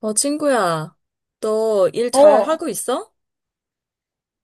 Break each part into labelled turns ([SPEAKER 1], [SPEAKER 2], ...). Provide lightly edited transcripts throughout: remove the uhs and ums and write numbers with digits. [SPEAKER 1] 어, 친구야, 너 일 잘
[SPEAKER 2] 어,
[SPEAKER 1] 하고 있어?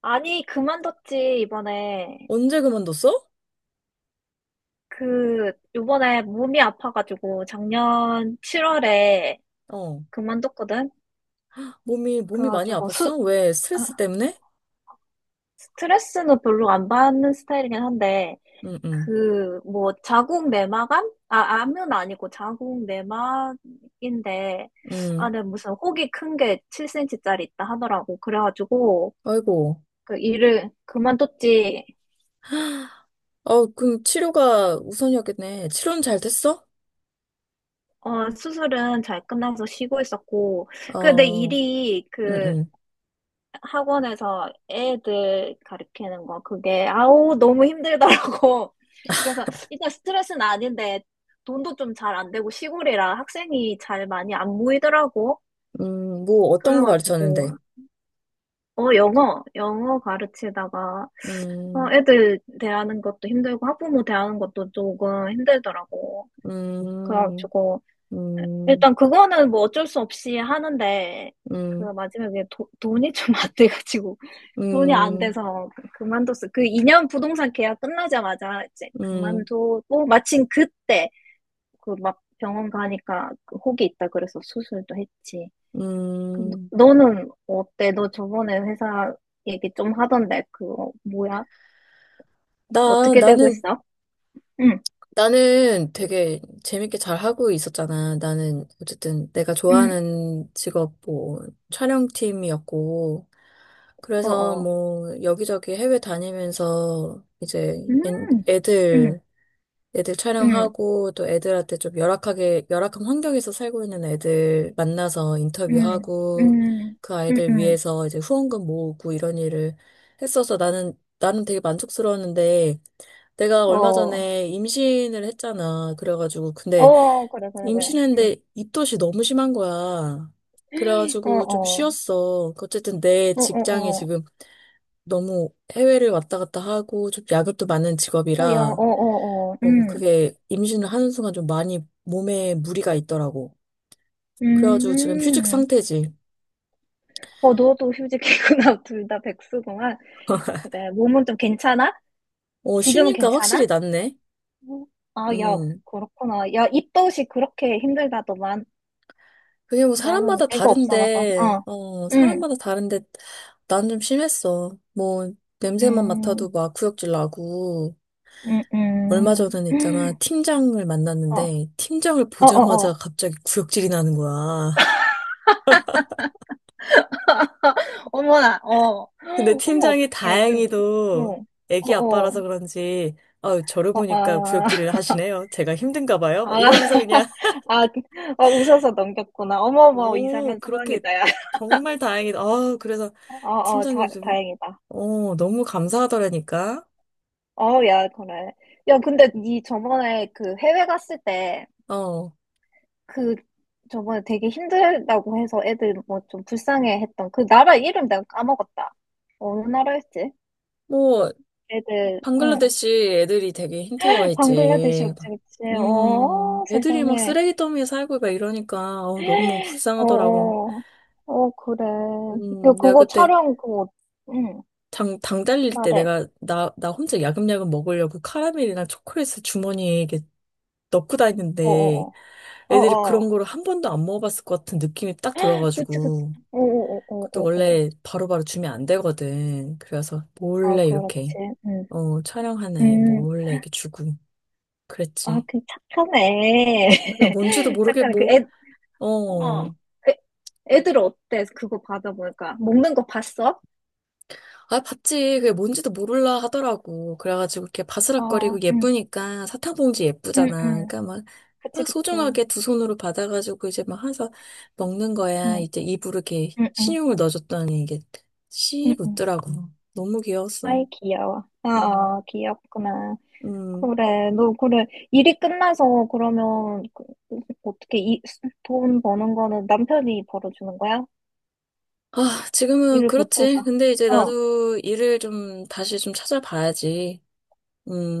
[SPEAKER 2] 아니, 그만뒀지, 이번에.
[SPEAKER 1] 언제 그만뒀어?
[SPEAKER 2] 그, 요번에 몸이 아파가지고, 작년 7월에
[SPEAKER 1] 어,
[SPEAKER 2] 그만뒀거든?
[SPEAKER 1] 몸이 많이
[SPEAKER 2] 그래가지고,
[SPEAKER 1] 아팠어? 왜?
[SPEAKER 2] 아,
[SPEAKER 1] 스트레스 때문에?
[SPEAKER 2] 스트레스는 별로 안 받는 스타일이긴 한데,
[SPEAKER 1] 응, 응,
[SPEAKER 2] 그, 뭐, 자궁 내막암? 아, 암은 아니고 자궁 내막인데,
[SPEAKER 1] 응.
[SPEAKER 2] 안에 무슨 혹이 큰 게 7cm짜리 있다 하더라고. 그래가지고,
[SPEAKER 1] 아이고.
[SPEAKER 2] 그 일을 그만뒀지.
[SPEAKER 1] 어, 그럼 치료가 우선이었겠네. 치료는 잘 됐어?
[SPEAKER 2] 어, 수술은 잘 끝나서 쉬고 있었고, 그 내
[SPEAKER 1] 어,
[SPEAKER 2] 일이
[SPEAKER 1] 응,
[SPEAKER 2] 그
[SPEAKER 1] 응.
[SPEAKER 2] 학원에서 애들 가르치는 거, 그게, 아우, 너무 힘들더라고. 그래서 일단 스트레스는 아닌데, 돈도 좀 잘 안 되고, 시골이라 학생이 잘 많이 안 모이더라고.
[SPEAKER 1] 뭐, 어떤 거
[SPEAKER 2] 그래가지고,
[SPEAKER 1] 가르쳤는데?
[SPEAKER 2] 어, 영어 가르치다가,
[SPEAKER 1] 음,
[SPEAKER 2] 어, 애들 대하는 것도 힘들고, 학부모 대하는 것도 조금 힘들더라고.
[SPEAKER 1] 음,
[SPEAKER 2] 그래가지고,
[SPEAKER 1] 음,
[SPEAKER 2] 일단 그거는 뭐 어쩔 수 없이 하는데 그
[SPEAKER 1] 음,
[SPEAKER 2] 마지막에 돈이 좀 안 돼가지고 돈이 안
[SPEAKER 1] 음,
[SPEAKER 2] 돼서 그만뒀어. 그 2년 부동산 계약 끝나자마자 이제
[SPEAKER 1] 음,
[SPEAKER 2] 그만두고 마침 그때 그 막 병원 가니까 그 혹이 있다 그래서 수술도 했지. 그 너-
[SPEAKER 1] 음.
[SPEAKER 2] 너는 어때? 너 저번에 회사 얘기 좀 하던데 그거 뭐야?
[SPEAKER 1] 나,
[SPEAKER 2] 어떻게 되고
[SPEAKER 1] 나는,
[SPEAKER 2] 있어? 응,
[SPEAKER 1] 나는 되게 재밌게 잘 하고 있었잖아. 나는 어쨌든 내가
[SPEAKER 2] 응,
[SPEAKER 1] 좋아하는 직업 뭐 촬영팀이었고,
[SPEAKER 2] 어,
[SPEAKER 1] 그래서
[SPEAKER 2] 어,
[SPEAKER 1] 뭐 여기저기 해외 다니면서 이제
[SPEAKER 2] 음,
[SPEAKER 1] 애-
[SPEAKER 2] 음,
[SPEAKER 1] 애들 애들
[SPEAKER 2] 음,
[SPEAKER 1] 촬영하고, 또 애들한테 좀 열악한 환경에서 살고 있는 애들 만나서
[SPEAKER 2] 음,
[SPEAKER 1] 인터뷰하고,
[SPEAKER 2] 음,
[SPEAKER 1] 그
[SPEAKER 2] 음,
[SPEAKER 1] 아이들
[SPEAKER 2] 음,
[SPEAKER 1] 위해서 이제 후원금 모으고 이런 일을 했어서 나는 되게 만족스러웠는데 내가 얼마
[SPEAKER 2] 어.
[SPEAKER 1] 전에 임신을 했잖아. 그래가지고 근데
[SPEAKER 2] 어, 그래, 그래, 그래. 응.
[SPEAKER 1] 임신했는데 입덧이 너무 심한 거야.
[SPEAKER 2] 어,
[SPEAKER 1] 그래가지고 좀
[SPEAKER 2] 어,
[SPEAKER 1] 쉬었어. 어쨌든 내
[SPEAKER 2] 어,
[SPEAKER 1] 직장이
[SPEAKER 2] 어, 어,
[SPEAKER 1] 지금 너무 해외를 왔다 갔다 하고 좀 야근도 많은
[SPEAKER 2] 어, 야, 어,
[SPEAKER 1] 직업이라
[SPEAKER 2] 어, 어,
[SPEAKER 1] 그게 임신을 하는 순간 좀 많이 몸에 무리가 있더라고. 그래가지고 지금 휴직
[SPEAKER 2] 음,
[SPEAKER 1] 상태지.
[SPEAKER 2] 어, 너도 휴직이구나. 둘 다 백수구만. 그래, 몸은 좀 괜찮아?
[SPEAKER 1] 어,
[SPEAKER 2] 지금은
[SPEAKER 1] 쉬니까
[SPEAKER 2] 괜찮아?
[SPEAKER 1] 확실히 낫네.
[SPEAKER 2] 응. 아, 야,
[SPEAKER 1] 음.
[SPEAKER 2] 그렇구나. 야, 입덧이 그렇게 힘들다더만.
[SPEAKER 1] 그게 뭐
[SPEAKER 2] 나는
[SPEAKER 1] 사람마다
[SPEAKER 2] 애가 없어가서,
[SPEAKER 1] 다른데,
[SPEAKER 2] 어,
[SPEAKER 1] 어,
[SPEAKER 2] 응,
[SPEAKER 1] 사람마다 다른데 난 좀 심했어. 뭐, 냄새만
[SPEAKER 2] 음,
[SPEAKER 1] 맡아도 막 구역질 나고.
[SPEAKER 2] 음,
[SPEAKER 1] 얼마
[SPEAKER 2] 음,
[SPEAKER 1] 전에는 있잖아, 팀장을
[SPEAKER 2] 어,
[SPEAKER 1] 만났는데, 팀장을
[SPEAKER 2] 어, 어,
[SPEAKER 1] 보자마자
[SPEAKER 2] 어.
[SPEAKER 1] 갑자기 구역질이 나는 거야.
[SPEAKER 2] 어머나, 어,
[SPEAKER 1] 근데
[SPEAKER 2] 어머,
[SPEAKER 1] 팀장이
[SPEAKER 2] 어떡해. 그,
[SPEAKER 1] 다행히도
[SPEAKER 2] 어, 어,
[SPEAKER 1] 애기 아빠라서
[SPEAKER 2] 어.
[SPEAKER 1] 그런지, 아유, 저러
[SPEAKER 2] 어,
[SPEAKER 1] 보니까
[SPEAKER 2] 아,
[SPEAKER 1] 구역질을 하시네요. 제가 힘든가 봐요.
[SPEAKER 2] 아,
[SPEAKER 1] 막 이러면서 그냥,
[SPEAKER 2] 아, 그- 어, 웃어서 넘겼구나. 어머머,
[SPEAKER 1] 오,
[SPEAKER 2] 이상한
[SPEAKER 1] 그렇게
[SPEAKER 2] 상황이다, 야.
[SPEAKER 1] 정말 다행이다. 아, 그래서
[SPEAKER 2] 어, 어,
[SPEAKER 1] 팀장님
[SPEAKER 2] 자,
[SPEAKER 1] 좀,
[SPEAKER 2] 다행이다.
[SPEAKER 1] 너무 감사하더라니까.
[SPEAKER 2] 어, 야, 그래. 야, 근데 니 저번에 그 해외 갔을 때,
[SPEAKER 1] 어,
[SPEAKER 2] 그, 저번에 되게 힘들다고 해서 애들 뭐 좀 불쌍해 했던 그 나라 이름 내가 까먹었다. 어느 나라였지?
[SPEAKER 1] 뭐,
[SPEAKER 2] 애들, 응.
[SPEAKER 1] 방글라데시 애들이 되게 힘들어했지.
[SPEAKER 2] 방글라데시였지, 그치? 어,
[SPEAKER 1] 애들이 막
[SPEAKER 2] 세상에.
[SPEAKER 1] 쓰레기 더미에 살고 막 이러니까, 너무
[SPEAKER 2] 어,
[SPEAKER 1] 불쌍하더라고.
[SPEAKER 2] 어, 어, 그래. 그,
[SPEAKER 1] 내가
[SPEAKER 2] 그거
[SPEAKER 1] 그때
[SPEAKER 2] 촬영, 그거, 응.
[SPEAKER 1] 당 달릴 때
[SPEAKER 2] 말해.
[SPEAKER 1] 내가 나 혼자 야금야금 먹으려고 카라멜이랑 초콜릿을 주머니에 이렇게 넣고 다니는데
[SPEAKER 2] 어어어.
[SPEAKER 1] 애들이
[SPEAKER 2] 어어.
[SPEAKER 1] 그런 거를 한 번도 안 먹어봤을 것 같은 느낌이 딱
[SPEAKER 2] 그치, 그치.
[SPEAKER 1] 들어가지고 그것도
[SPEAKER 2] 어어어어어어.
[SPEAKER 1] 원래 바로바로 주면 안 되거든. 그래서
[SPEAKER 2] 아,
[SPEAKER 1] 몰래
[SPEAKER 2] 그렇지.
[SPEAKER 1] 이렇게
[SPEAKER 2] 응.
[SPEAKER 1] 촬영하네
[SPEAKER 2] 음.
[SPEAKER 1] 몰래 이렇게 주고
[SPEAKER 2] 아,
[SPEAKER 1] 그랬지.
[SPEAKER 2] 그 착하네.
[SPEAKER 1] 맞아, 뭔지도 모르게
[SPEAKER 2] 착하네. 그
[SPEAKER 1] 뭐
[SPEAKER 2] 애, 어.
[SPEAKER 1] 어
[SPEAKER 2] 그 애들 어때? 그거 받아보니까. 먹는 거 봤어?
[SPEAKER 1] 아, 봤지. 그게 뭔지도 모를라 하더라고. 그래가지고 이렇게
[SPEAKER 2] 어,
[SPEAKER 1] 바스락거리고
[SPEAKER 2] 응.
[SPEAKER 1] 예쁘니까 사탕 봉지
[SPEAKER 2] 응,
[SPEAKER 1] 예쁘잖아.
[SPEAKER 2] 응.
[SPEAKER 1] 그러니까 막,
[SPEAKER 2] 그치,
[SPEAKER 1] 막
[SPEAKER 2] 그치.
[SPEAKER 1] 소중하게 두 손으로 받아가지고 이제 막 해서 먹는 거야.
[SPEAKER 2] 응,
[SPEAKER 1] 이제 입으로 이렇게
[SPEAKER 2] 응, 응.
[SPEAKER 1] 신용을 넣어줬더니 이게
[SPEAKER 2] 응,
[SPEAKER 1] 씩
[SPEAKER 2] 응.
[SPEAKER 1] 웃더라고. 너무 귀여웠어.
[SPEAKER 2] 아이, 귀여워. 아,
[SPEAKER 1] 음,
[SPEAKER 2] 아, 귀엽구나.
[SPEAKER 1] 음.
[SPEAKER 2] 그래, 너, 그래. 일이 끝나서 그러면, 그, 어떻게 이, 돈 버는 거는 남편이 벌어주는 거야?
[SPEAKER 1] 아, 지금은
[SPEAKER 2] 일을 못해서.
[SPEAKER 1] 그렇지. 근데 이제
[SPEAKER 2] 어,
[SPEAKER 1] 나도 일을 좀 다시 좀 찾아봐야지.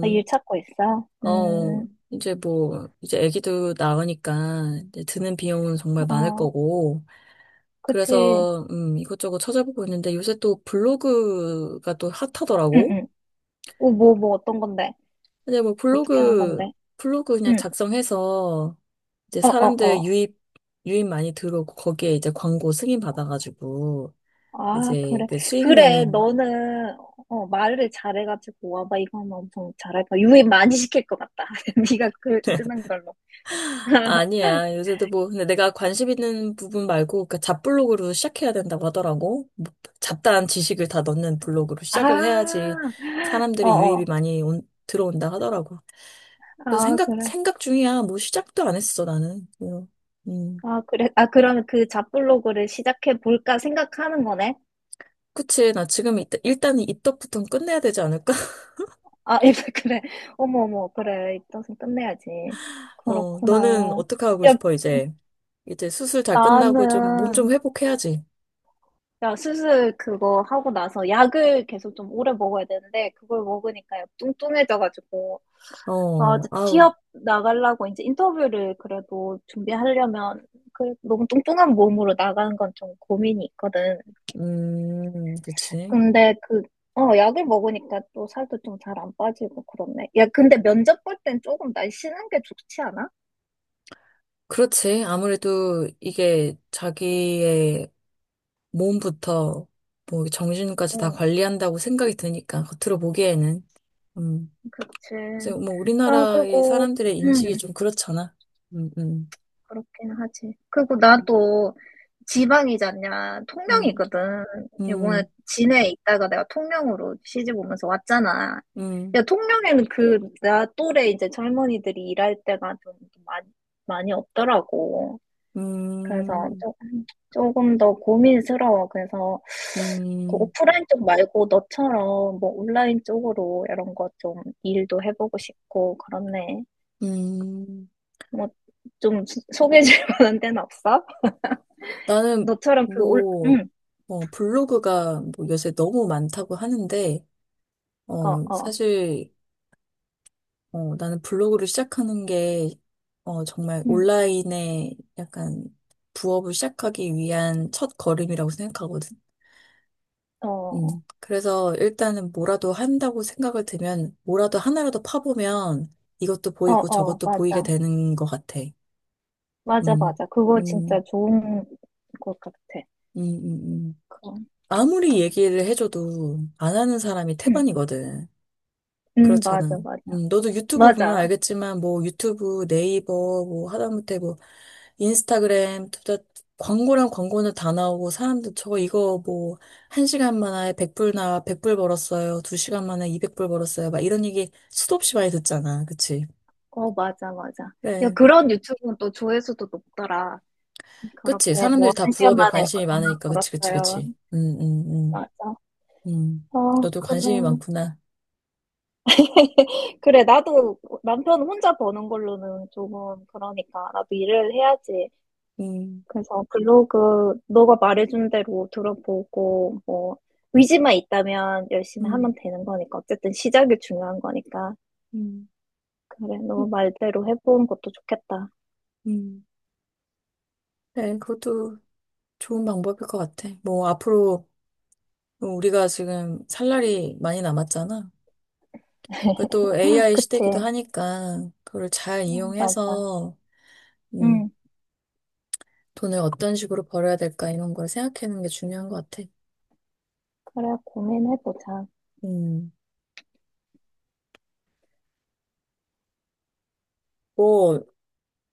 [SPEAKER 2] 나 일 찾고 있어.
[SPEAKER 1] 어. 이제 뭐, 이제 아기도 나으니까 이제 드는 비용은 정말 많을
[SPEAKER 2] 어,
[SPEAKER 1] 거고,
[SPEAKER 2] 그치.
[SPEAKER 1] 그래서 이것저것 찾아보고 있는데 요새 또 블로그가 또
[SPEAKER 2] 응,
[SPEAKER 1] 핫하더라고.
[SPEAKER 2] 응. 어, 뭐, 뭐, 어떤 건데?
[SPEAKER 1] 근데 뭐
[SPEAKER 2] 어떻게 하는
[SPEAKER 1] 블로그
[SPEAKER 2] 건데?
[SPEAKER 1] 블로그 그냥
[SPEAKER 2] 응,
[SPEAKER 1] 작성해서 이제
[SPEAKER 2] 어, 어,
[SPEAKER 1] 사람들
[SPEAKER 2] 어.
[SPEAKER 1] 유입 많이 들어오고 거기에 이제 광고 승인 받아가지고
[SPEAKER 2] 아,
[SPEAKER 1] 이제
[SPEAKER 2] 그래.
[SPEAKER 1] 그 수익
[SPEAKER 2] 그래,
[SPEAKER 1] 내는
[SPEAKER 2] 너는, 어, 말을 잘해가지고, 와봐, 이거 하면 엄청 잘할 거야. 유입 많이 시킬 것 같다. 네가 글 쓰는 걸로.
[SPEAKER 1] 아니야. 요새도 뭐, 근데 내가 관심 있는 부분 말고, 그 잡블로그로 시작해야 된다고 하더라고. 뭐 잡다한 지식을 다 넣는 블로그로 시작을
[SPEAKER 2] 아,
[SPEAKER 1] 해야지
[SPEAKER 2] 어,
[SPEAKER 1] 사람들의 유입이
[SPEAKER 2] 어.
[SPEAKER 1] 많이 들어온다 하더라고. 그래서
[SPEAKER 2] 아,
[SPEAKER 1] 생각,
[SPEAKER 2] 그래.
[SPEAKER 1] 생각 중이야. 뭐 시작도 안 했어, 나는. 뭐, 음.
[SPEAKER 2] 아, 그래. 아, 그럼 그 잡블로그를 시작해 볼까 생각하는 거네?
[SPEAKER 1] 그치. 나 지금 일단은 입덕부터 끝내야 되지 않을까?
[SPEAKER 2] 아, 이제 그래. 어머, 어머, 그래. 입덧은 끝내야지.
[SPEAKER 1] 어, 너는
[SPEAKER 2] 그렇구나.
[SPEAKER 1] 어떻게 하고
[SPEAKER 2] 야,
[SPEAKER 1] 싶어, 이제? 이제 수술 잘 끝나고 좀, 몸 좀
[SPEAKER 2] 나는,
[SPEAKER 1] 회복해야지.
[SPEAKER 2] 야, 수술 그거 하고 나서 약을 계속 좀 오래 먹어야 되는데, 그걸 먹으니까 약 뚱뚱해져가지고, 아,
[SPEAKER 1] 어,
[SPEAKER 2] 이제
[SPEAKER 1] 아우,
[SPEAKER 2] 취업 나가려고 이제 인터뷰를 그래도 준비하려면, 그, 너무 뚱뚱한 몸으로 나가는 건 좀 고민이 있거든.
[SPEAKER 1] 그치.
[SPEAKER 2] 근데 그, 어, 약을 먹으니까 또 살도 좀 잘 안 빠지고 그렇네. 야, 근데 면접 볼 땐 조금 날씬한 게 좋지 않아?
[SPEAKER 1] 그렇지. 아무래도 이게 자기의 몸부터 뭐 정신까지 다
[SPEAKER 2] 응.
[SPEAKER 1] 관리한다고 생각이 드니까, 겉으로 보기에는. 음.
[SPEAKER 2] 그치.
[SPEAKER 1] 그래서 뭐
[SPEAKER 2] 아,
[SPEAKER 1] 우리나라의
[SPEAKER 2] 그리고,
[SPEAKER 1] 사람들의 인식이
[SPEAKER 2] 음,
[SPEAKER 1] 좀 그렇잖아. 음, 음.
[SPEAKER 2] 그렇긴 하지. 그리고 나도 지방이잖냐.
[SPEAKER 1] 음,
[SPEAKER 2] 통영이거든. 이번에
[SPEAKER 1] 음,
[SPEAKER 2] 진해에 있다가 내가 통영으로 시집 오면서 왔잖아.
[SPEAKER 1] 음,
[SPEAKER 2] 야, 통영에는 그, 나 또래 이제 젊은이들이 일할 때가 좀 많이, 많이 없더라고. 그래서
[SPEAKER 1] 음,
[SPEAKER 2] 조금, 조금 더 고민스러워. 그래서 그
[SPEAKER 1] 음,
[SPEAKER 2] 오프라인 쪽 말고 너처럼 뭐 온라인 쪽으로 이런 거 좀 일도 해보고 싶고, 그렇네.
[SPEAKER 1] 음.
[SPEAKER 2] 뭐, 좀 개해줄 만한 데는 없어?
[SPEAKER 1] 나는
[SPEAKER 2] 너처럼 그 올,
[SPEAKER 1] 뭐,
[SPEAKER 2] 응,
[SPEAKER 1] 블로그가 뭐 요새 너무 많다고 하는데,
[SPEAKER 2] 어,
[SPEAKER 1] 어,
[SPEAKER 2] 어,
[SPEAKER 1] 사실, 나는 블로그를 시작하는 게, 정말
[SPEAKER 2] 응,
[SPEAKER 1] 온라인에 약간 부업을 시작하기 위한 첫 걸음이라고 생각하거든.
[SPEAKER 2] 어, 어,
[SPEAKER 1] 그래서 일단은 뭐라도 한다고 생각을 들면, 뭐라도 하나라도 파보면 이것도 보이고
[SPEAKER 2] 어,
[SPEAKER 1] 저것도 보이게
[SPEAKER 2] 맞아.
[SPEAKER 1] 되는 것 같아.
[SPEAKER 2] 맞아,
[SPEAKER 1] 음,
[SPEAKER 2] 맞아. 그거 진짜
[SPEAKER 1] 음,
[SPEAKER 2] 좋은 것 같아.
[SPEAKER 1] 음, 음, 음.
[SPEAKER 2] 그거.
[SPEAKER 1] 아무리 얘기를 해줘도 안 하는 사람이
[SPEAKER 2] 응,
[SPEAKER 1] 태반이거든.
[SPEAKER 2] 응,
[SPEAKER 1] 그렇잖아.
[SPEAKER 2] 맞아, 맞아.
[SPEAKER 1] 너도 유튜브 보면
[SPEAKER 2] 맞아.
[SPEAKER 1] 알겠지만, 뭐, 유튜브, 네이버, 뭐, 하다못해 뭐, 인스타그램, 둘다 광고랑 광고는 다 나오고, 사람들 저거 이거 뭐, 1시간 만에 100불 100불 벌었어요. 2시간 만에 200불 벌었어요. 막 이런 얘기 수도 없이 많이 듣잖아. 그치?
[SPEAKER 2] 어, 맞아, 맞아. 야,
[SPEAKER 1] 그래.
[SPEAKER 2] 그런 유튜브는 또 조회수도 높더라. 그렇게
[SPEAKER 1] 그치?
[SPEAKER 2] 뭐,
[SPEAKER 1] 사람들이 다
[SPEAKER 2] 한 시간
[SPEAKER 1] 부업에
[SPEAKER 2] 만에
[SPEAKER 1] 관심이
[SPEAKER 2] 얼마
[SPEAKER 1] 많으니까. 그치, 그치,
[SPEAKER 2] 벌었어요.
[SPEAKER 1] 그치.
[SPEAKER 2] 맞아.
[SPEAKER 1] 음. 음,
[SPEAKER 2] 어,
[SPEAKER 1] 너도
[SPEAKER 2] 그래.
[SPEAKER 1] 관심이 많구나.
[SPEAKER 2] 그래, 나도 남편 혼자 버는 걸로는 조금 그러니까 나도 일을 해야지.
[SPEAKER 1] 음,
[SPEAKER 2] 그래서 블로그 너가 말해준 대로 들어보고 뭐 의지만 있다면 열심히
[SPEAKER 1] 음,
[SPEAKER 2] 하면 되는 거니까 어쨌든 시작이 중요한 거니까
[SPEAKER 1] 음,
[SPEAKER 2] 그래
[SPEAKER 1] 음.
[SPEAKER 2] 너 말대로 해보는 것도 좋겠다.
[SPEAKER 1] 음. 네, 그것도 좋은 방법일 것 같아. 뭐, 앞으로 우리가 지금 살 날이 많이 남았잖아. 그또 AI 시대이기도
[SPEAKER 2] 그치?
[SPEAKER 1] 하니까, 그걸 잘
[SPEAKER 2] 어, 맞아.
[SPEAKER 1] 이용해서, 음,
[SPEAKER 2] 응.
[SPEAKER 1] 돈을 어떤 식으로 벌어야 될까, 이런 걸 생각하는 게 중요한 것 같아.
[SPEAKER 2] 그래 고민해보자.
[SPEAKER 1] 음, 뭐,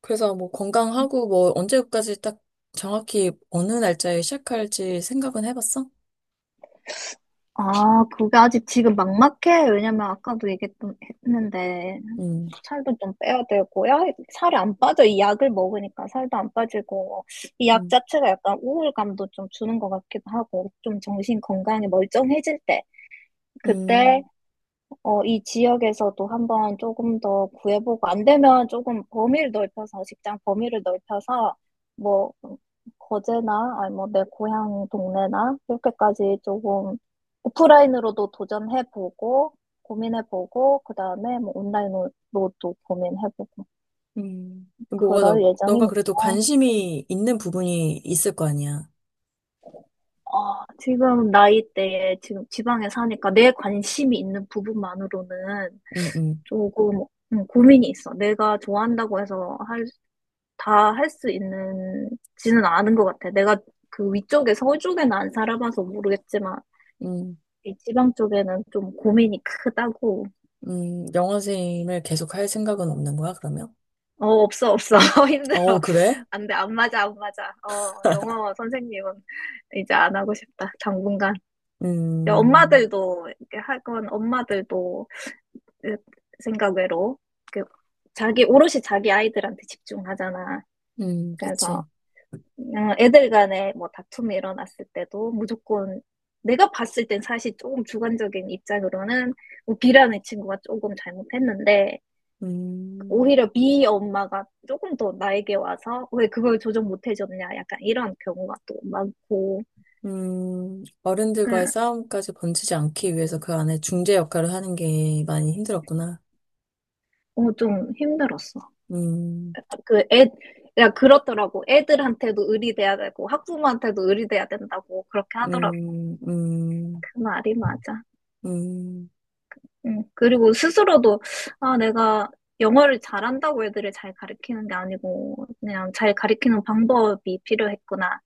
[SPEAKER 1] 그래서 뭐, 건강하고 뭐, 언제까지 딱 정확히 어느 날짜에 시작할지 생각은 해봤어?
[SPEAKER 2] 아, 그게 아직 지금 막막해. 왜냐면 아까도 얘기했는데
[SPEAKER 1] 음,
[SPEAKER 2] 살도 좀 빼야 되고요. 살이 안 빠져. 이 약을 먹으니까 살도 안 빠지고, 이 약
[SPEAKER 1] 음,
[SPEAKER 2] 자체가 약간 우울감도 좀 주는 것 같기도 하고, 좀 정신 건강이 멀쩡해질 때, 그때,
[SPEAKER 1] 음.
[SPEAKER 2] 어, 이 지역에서도 한번 조금 더 구해보고, 안 되면 조금 범위를 넓혀서, 직장 범위를 넓혀서, 뭐, 거제나, 아니 뭐, 내 고향 동네나, 이렇게까지 조금 오프라인으로도 도전해보고, 고민해보고, 그 다음에 뭐 온라인으로도 고민해보고,
[SPEAKER 1] 음. 뭐가 너,
[SPEAKER 2] 그럴
[SPEAKER 1] 너가
[SPEAKER 2] 예정입니다.
[SPEAKER 1] 그래도 관심이 있는 부분이 있을 거 아니야.
[SPEAKER 2] 아, 지금 나이대에 지금 지방에 사니까 내 관심이 있는 부분만으로는
[SPEAKER 1] 음, 음,
[SPEAKER 2] 조금 고민이 있어. 내가 좋아한다고 해서 할, 다 할 수 있는지는 않은 것 같아. 내가 그 위쪽에 서울 쪽에는 안 살아봐서 모르겠지만
[SPEAKER 1] 음,
[SPEAKER 2] 이 지방 쪽에는 좀 고민이 크다고.
[SPEAKER 1] 영어생을 계속 할 생각은 없는 거야, 그러면?
[SPEAKER 2] 어, 없어, 없어.
[SPEAKER 1] 아, 어,
[SPEAKER 2] 힘들어.
[SPEAKER 1] 그래?
[SPEAKER 2] 안 돼, 안 맞아, 안 맞아. 어, 영어 선생님은 이제 안 하고 싶다. 당분간. 이제
[SPEAKER 1] 음,
[SPEAKER 2] 엄마들도 이렇게 하건 엄마들도 그 생각외로 그 자기 오롯이 자기 아이들한테 집중하잖아.
[SPEAKER 1] 그치.
[SPEAKER 2] 그래서 애들 간에 뭐 다툼이 일어났을 때도 무조건 내가 봤을 땐 사실 조금 주관적인 입장으로는 뭐 B라는 친구가 조금 잘못했는데
[SPEAKER 1] 음,
[SPEAKER 2] 오히려 B 엄마가 조금 더 나에게 와서 왜 그걸 조정 못 해줬냐 약간 이런 경우가 또 많고
[SPEAKER 1] 어른들과의
[SPEAKER 2] 그냥
[SPEAKER 1] 싸움까지 번지지 않기 위해서 그 안에 중재 역할을 하는 게 많이 힘들었구나.
[SPEAKER 2] 어, 좀 힘들었어.
[SPEAKER 1] 음,
[SPEAKER 2] 그 애, 야, 그렇더라고. 애들한테도 의리돼야 되고, 학부모한테도 의리돼야 된다고. 그렇게 하더라고.
[SPEAKER 1] 음, 음,
[SPEAKER 2] 그 말이 맞아.
[SPEAKER 1] 음,
[SPEAKER 2] 응. 그리고 스스로도, 아, 내가 영어를 잘한다고 애들을 잘 가르치는 게 아니고, 그냥 잘 가르치는 방법이 필요했구나.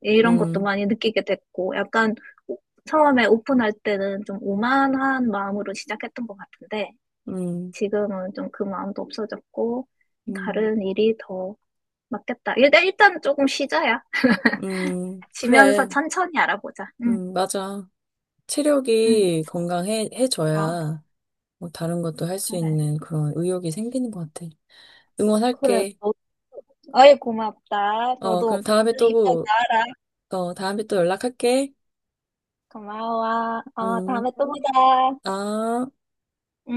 [SPEAKER 2] 이런 것도
[SPEAKER 1] 음,
[SPEAKER 2] 많이 느끼게 됐고, 약간 오- 처음에 오픈할 때는 좀 오만한 마음으로 시작했던 것 같은데,
[SPEAKER 1] 음,
[SPEAKER 2] 지금은 좀 그 마음도 없어졌고,
[SPEAKER 1] 음,
[SPEAKER 2] 다른 일이 더 맞겠다. 일단 조금 쉬자야. 지면서
[SPEAKER 1] 그래.
[SPEAKER 2] 천천히 알아보자. 응,
[SPEAKER 1] 맞아.
[SPEAKER 2] 응,
[SPEAKER 1] 체력이
[SPEAKER 2] 어,
[SPEAKER 1] 건강해져야 뭐 다른 것도 할 수
[SPEAKER 2] 그래.
[SPEAKER 1] 있는 그런 의욕이 생기는 것 같아.
[SPEAKER 2] 그래.
[SPEAKER 1] 응원할게.
[SPEAKER 2] 너, 어이, 고맙다.
[SPEAKER 1] 어, 그럼
[SPEAKER 2] 너도
[SPEAKER 1] 다음에
[SPEAKER 2] 빨리 입덧
[SPEAKER 1] 또,
[SPEAKER 2] 나와라.
[SPEAKER 1] 다음에 또 연락할게.
[SPEAKER 2] 고마워. 어,
[SPEAKER 1] 음,
[SPEAKER 2] 다음에 또 보자.
[SPEAKER 1] 아.
[SPEAKER 2] 음.